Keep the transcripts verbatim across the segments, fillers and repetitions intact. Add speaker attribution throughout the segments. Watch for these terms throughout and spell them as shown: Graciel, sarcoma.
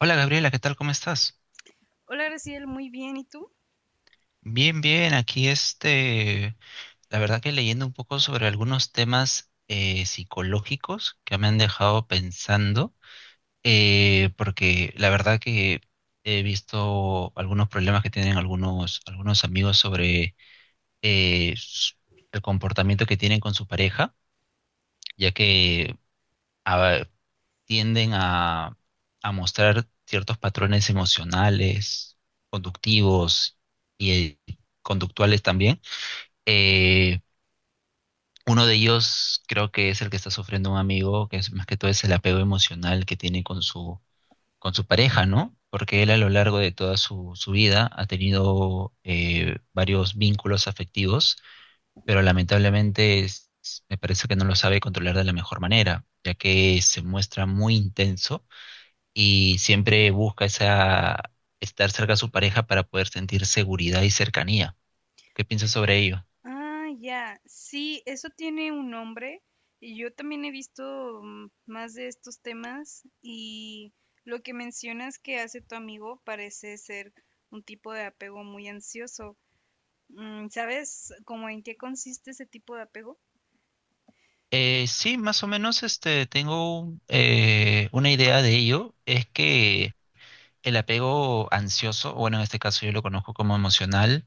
Speaker 1: Hola Gabriela, ¿qué tal? ¿Cómo estás?
Speaker 2: Hola, Graciel, muy bien. ¿Y tú?
Speaker 1: Bien, bien, aquí este, la verdad que leyendo un poco sobre algunos temas eh, psicológicos que me han dejado pensando, eh, porque la verdad que he visto algunos problemas que tienen algunos, algunos amigos sobre eh, s- el comportamiento que tienen con su pareja, ya que ah, tienden a, a mostrar ciertos patrones emocionales, conductivos y eh, conductuales también. Eh, Uno de ellos creo que es el que está sufriendo un amigo, que es más que todo es el apego emocional que tiene con su, con su pareja, ¿no? Porque él a lo largo de toda su, su vida ha tenido eh, varios vínculos afectivos, pero lamentablemente es- me parece que no lo sabe controlar de la mejor manera, ya que se muestra muy intenso y siempre busca esa, estar cerca de su pareja para poder sentir seguridad y cercanía. ¿Qué piensas sobre ello?
Speaker 2: Ah, ya. Sí, eso tiene un nombre. Y yo también he visto mm, más de estos temas. Y lo que mencionas que hace tu amigo parece ser un tipo de apego muy ansioso. Mm, ¿Sabes cómo en qué consiste ese tipo de apego?
Speaker 1: Eh, sí, más o menos este, tengo un, eh, una idea de ello. Es que el apego ansioso, o bueno, en este caso yo lo conozco como emocional,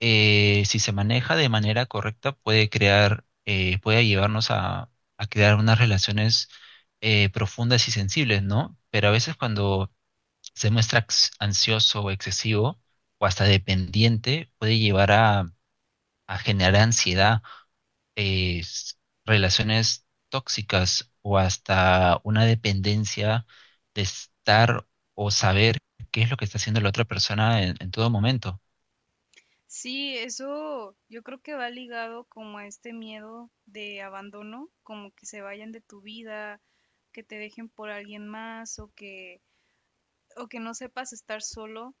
Speaker 1: eh, si se maneja de manera correcta puede crear, eh, puede llevarnos a, a crear unas relaciones eh, profundas y sensibles, ¿no? Pero a veces cuando se muestra ax- ansioso o excesivo o hasta dependiente, puede llevar a, a generar ansiedad, eh, s- relaciones tóxicas o hasta una dependencia de estar o saber qué es lo que está haciendo la otra persona en, en todo momento.
Speaker 2: Sí, eso yo creo que va ligado como a este miedo de abandono, como que se vayan de tu vida, que te dejen por alguien más o que o que no sepas estar solo,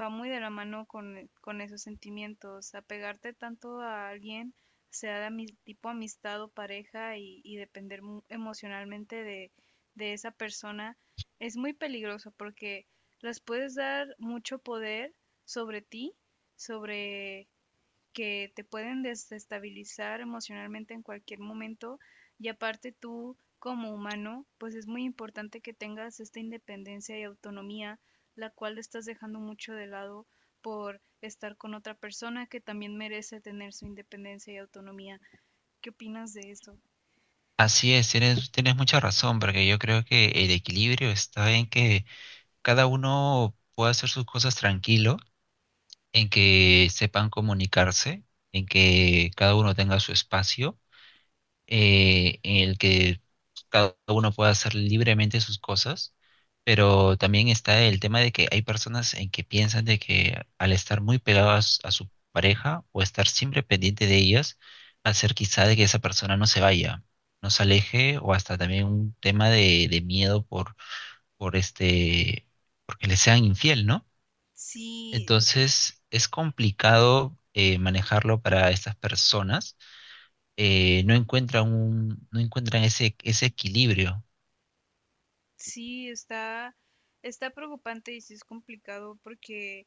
Speaker 2: va muy de la mano con, eh, con esos sentimientos. Apegarte tanto a alguien, sea de ami- tipo amistad o pareja, y, y depender mu- emocionalmente de, de esa persona, es muy peligroso porque las puedes dar mucho poder sobre ti, sobre que te pueden desestabilizar emocionalmente en cualquier momento, y aparte tú como humano, pues es muy importante que tengas esta independencia y autonomía, la cual estás dejando mucho de lado por estar con otra persona que también merece tener su independencia y autonomía. ¿Qué opinas de eso?
Speaker 1: Así es, tienes, tienes mucha razón, porque yo creo que el equilibrio está en que cada uno pueda hacer sus cosas tranquilo, en que sepan comunicarse, en que cada uno tenga su espacio eh, en el que cada uno pueda hacer libremente sus cosas, pero también está el tema de que hay personas en que piensan de que al estar muy pegadas a su pareja o estar siempre pendiente de ellas, va a ser quizá de que esa persona no se vaya, no se aleje o hasta también un tema de, de miedo por, por este, porque le sean infiel, ¿no?
Speaker 2: Sí,
Speaker 1: Entonces es complicado eh, manejarlo para estas personas eh, no encuentran un, no encuentran ese, ese equilibrio.
Speaker 2: sí, está, está preocupante y sí es complicado porque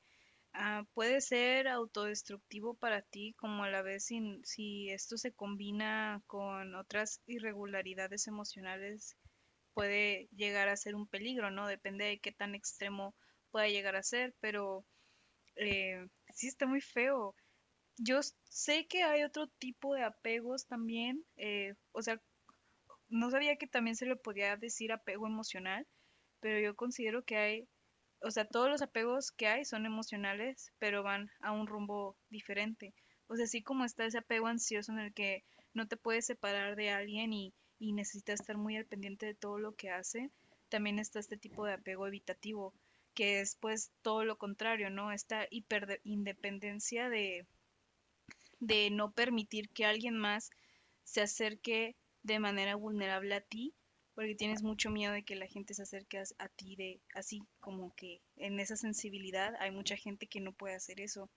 Speaker 2: ah, puede ser autodestructivo para ti, como a la vez si, si esto se combina con otras irregularidades emocionales, puede llegar a ser un peligro, ¿no? Depende de qué tan extremo pueda llegar a ser, pero eh, sí está muy feo. Yo s- sé que hay otro tipo de apegos también, eh, o sea, no sabía que también se le podía decir apego emocional, pero yo considero que hay, o sea, todos los apegos que hay son emocionales, pero van a un rumbo diferente. O sea, así como está ese apego ansioso en el que no te puedes separar de alguien, y, y necesitas estar muy al pendiente de todo lo que hace, también está este tipo de apego evitativo, que es pues todo lo contrario, ¿no? Esta hiperindependencia de, de no permitir que alguien más se acerque de manera vulnerable a ti, porque tienes mucho miedo de que la gente se acerque a ti, de así como que en esa sensibilidad hay mucha gente que no puede hacer eso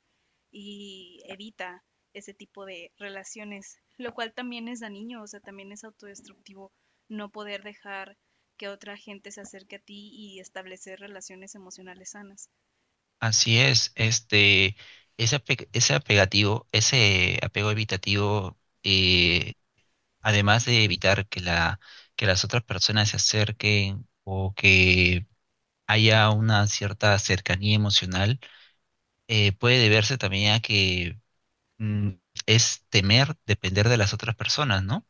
Speaker 2: y evita ese tipo de relaciones, lo cual también es dañino, o sea, también es autodestructivo no poder dejar que otra gente se acerque a ti y establecer relaciones emocionales sanas.
Speaker 1: Así es, este, ese, ape- ese apegativo, ese apego evitativo, eh, además de evitar que la, que las otras personas se acerquen o que haya una cierta cercanía emocional, eh, puede deberse también a que mm, es temer depender de las otras personas, ¿no?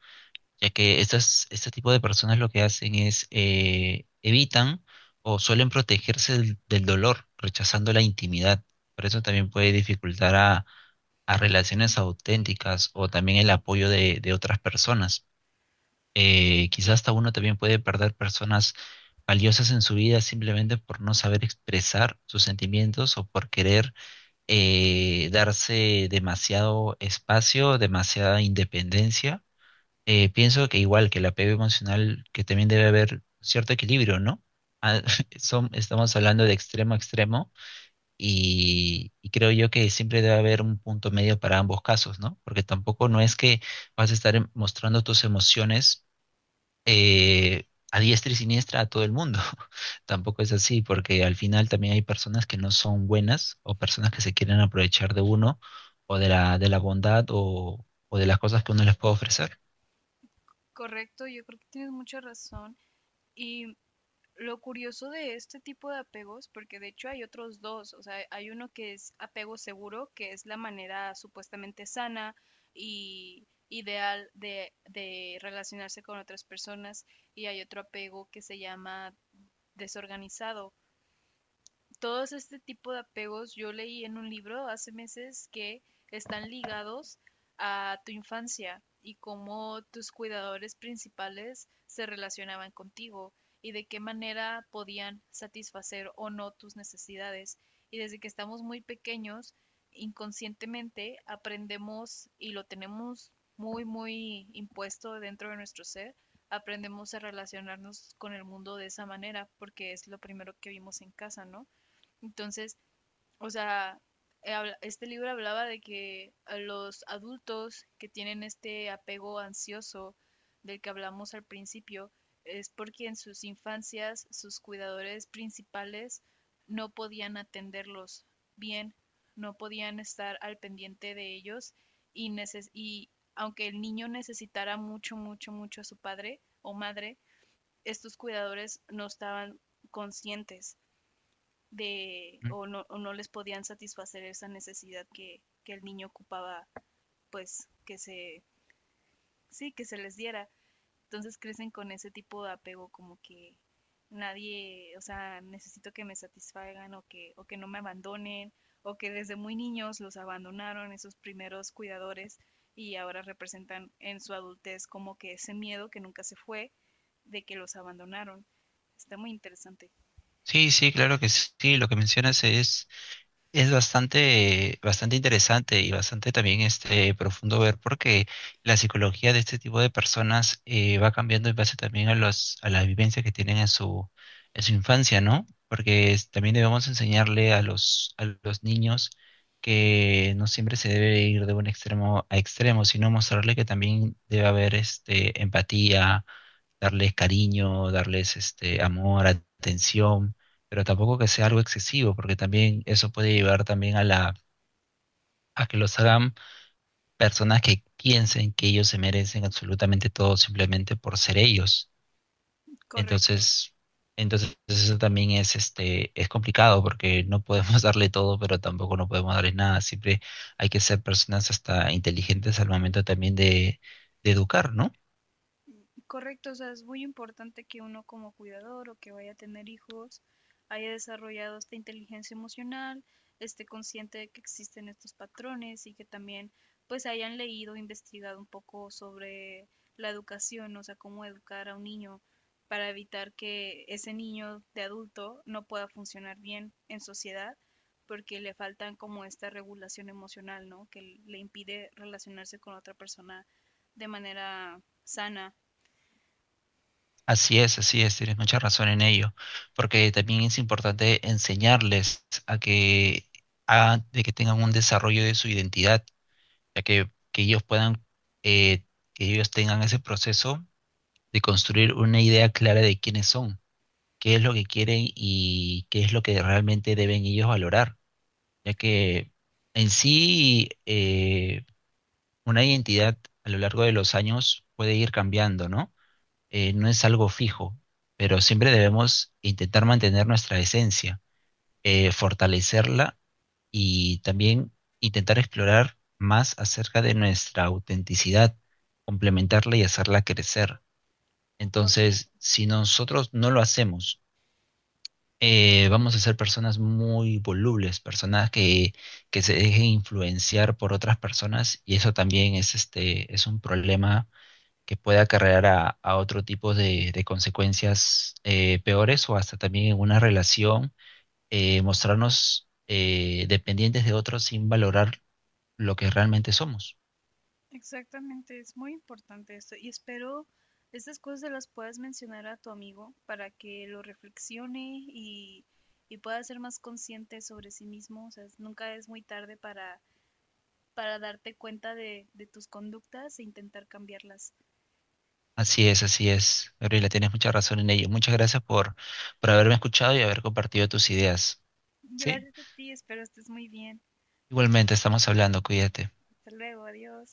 Speaker 1: Ya que estas, este tipo de personas lo que hacen es eh, evitan o suelen protegerse del, del dolor, rechazando la intimidad. Por eso también puede dificultar a, a relaciones auténticas o también el apoyo de, de otras personas. Eh, quizás hasta uno también puede perder personas valiosas en su vida simplemente por no saber expresar sus sentimientos o por querer eh, darse demasiado espacio, demasiada independencia eh, pienso que igual que el apego emocional, que también debe haber cierto equilibrio, ¿no? Ah, son- estamos hablando de extremo a extremo y, y creo yo que siempre debe haber un punto medio para ambos casos, ¿no? Porque tampoco no es que vas a estar em- mostrando tus emociones eh, a diestra y siniestra a todo el mundo. Tampoco es así, porque al final también hay personas que no son buenas o personas que se quieren aprovechar de uno o de la, de la bondad o, o de las cosas que uno les puede ofrecer.
Speaker 2: Correcto, yo creo que tienes mucha razón. Y lo curioso de este tipo de apegos, porque de hecho hay otros dos, o sea, hay uno que es apego seguro, que es la manera supuestamente sana y ideal de, de relacionarse con otras personas, y hay otro apego que se llama desorganizado. Todos este tipo de apegos, yo leí en un libro hace meses que están ligados a tu infancia y cómo tus cuidadores principales se relacionaban contigo y de qué manera podían satisfacer o no tus necesidades. Y desde que estamos muy pequeños, inconscientemente aprendemos y lo tenemos muy, muy impuesto dentro de nuestro ser, aprendemos a relacionarnos con el mundo de esa manera porque es lo primero que vimos en casa, ¿no? Entonces, o sea, eh, habla- este libro hablaba de que a los adultos que tienen este apego ansioso del que hablamos al principio es porque en sus infancias sus cuidadores principales no podían atenderlos bien, no podían estar al pendiente de ellos y, neces- y aunque el niño necesitara mucho, mucho, mucho a su padre o madre, estos cuidadores no estaban conscientes de o no, o no les podían satisfacer esa necesidad que, que el niño ocupaba, pues que se, sí, que se les diera. Entonces crecen con ese tipo de apego como que nadie, o sea, necesito que me satisfagan o que, o que no me abandonen, o que desde muy niños los abandonaron esos primeros cuidadores y ahora representan en su adultez como que ese miedo que nunca se fue de que los abandonaron. Está muy interesante.
Speaker 1: Sí, sí, claro que sí. Sí, lo que mencionas es, es bastante, bastante interesante y bastante también este, profundo ver porque la psicología de este tipo de personas eh, va cambiando en base también a los, a la vivencia que tienen en su, en su infancia, ¿no? Porque es- también debemos enseñarle a los, a los niños que no siempre se debe ir de un extremo a extremo, sino mostrarle que también debe haber este, empatía, darles cariño, darles este, amor, atención pero tampoco que sea algo excesivo, porque también eso puede llevar también a la, a que los hagan personas que piensen que ellos se merecen absolutamente todo simplemente por ser ellos.
Speaker 2: Correcto.
Speaker 1: Entonces, entonces eso también es este, es complicado porque no podemos darle todo, pero tampoco no podemos darle nada. Siempre hay que ser personas hasta inteligentes al momento también de, de educar, ¿no?
Speaker 2: Correcto, o sea, es muy importante que uno como cuidador o que vaya a tener hijos haya desarrollado esta inteligencia emocional, esté consciente de que existen estos patrones y que también pues hayan leído, investigado un poco sobre la educación, o sea, cómo educar a un niño para evitar que ese niño de adulto no pueda funcionar bien en sociedad porque le faltan como esta regulación emocional, ¿no? Que le impide relacionarse con otra persona de manera sana.
Speaker 1: Así es, así es, tienes mucha razón en ello, porque también es importante enseñarles a que, a- de que tengan un desarrollo de su identidad, ya que, que ellos puedan, eh, que ellos tengan ese proceso de construir una idea clara de quiénes son, qué es lo que quieren y qué es lo que realmente deben ellos valorar, ya que en sí eh, una identidad a lo largo de los años puede ir cambiando, ¿no? Eh, no es algo fijo, pero siempre debemos intentar mantener nuestra esencia, eh, fortalecerla y también intentar explorar más acerca de nuestra autenticidad, complementarla y hacerla crecer.
Speaker 2: Correcto.
Speaker 1: Entonces, si nosotros no lo hacemos, eh, vamos a ser personas muy volubles, personas que, que se dejen influenciar por otras personas y eso también es, este, es un problema que puede acarrear a, a otro tipo de, de consecuencias eh, peores o hasta también en una relación, eh, mostrarnos eh, dependientes de otros sin valorar lo que realmente somos.
Speaker 2: Exactamente, es muy importante esto y espero estas cosas se las puedas mencionar a tu amigo para que lo reflexione y, y pueda ser más consciente sobre sí mismo. O sea, nunca es muy tarde para, para darte cuenta de, de tus conductas e intentar cambiarlas.
Speaker 1: Así es, así es. Gabriela, tienes mucha razón en ello. Muchas gracias por, por haberme escuchado y haber compartido tus ideas. ¿Sí?
Speaker 2: Gracias a ti, espero estés muy bien.
Speaker 1: Igualmente, estamos hablando, cuídate.
Speaker 2: Hasta luego, adiós.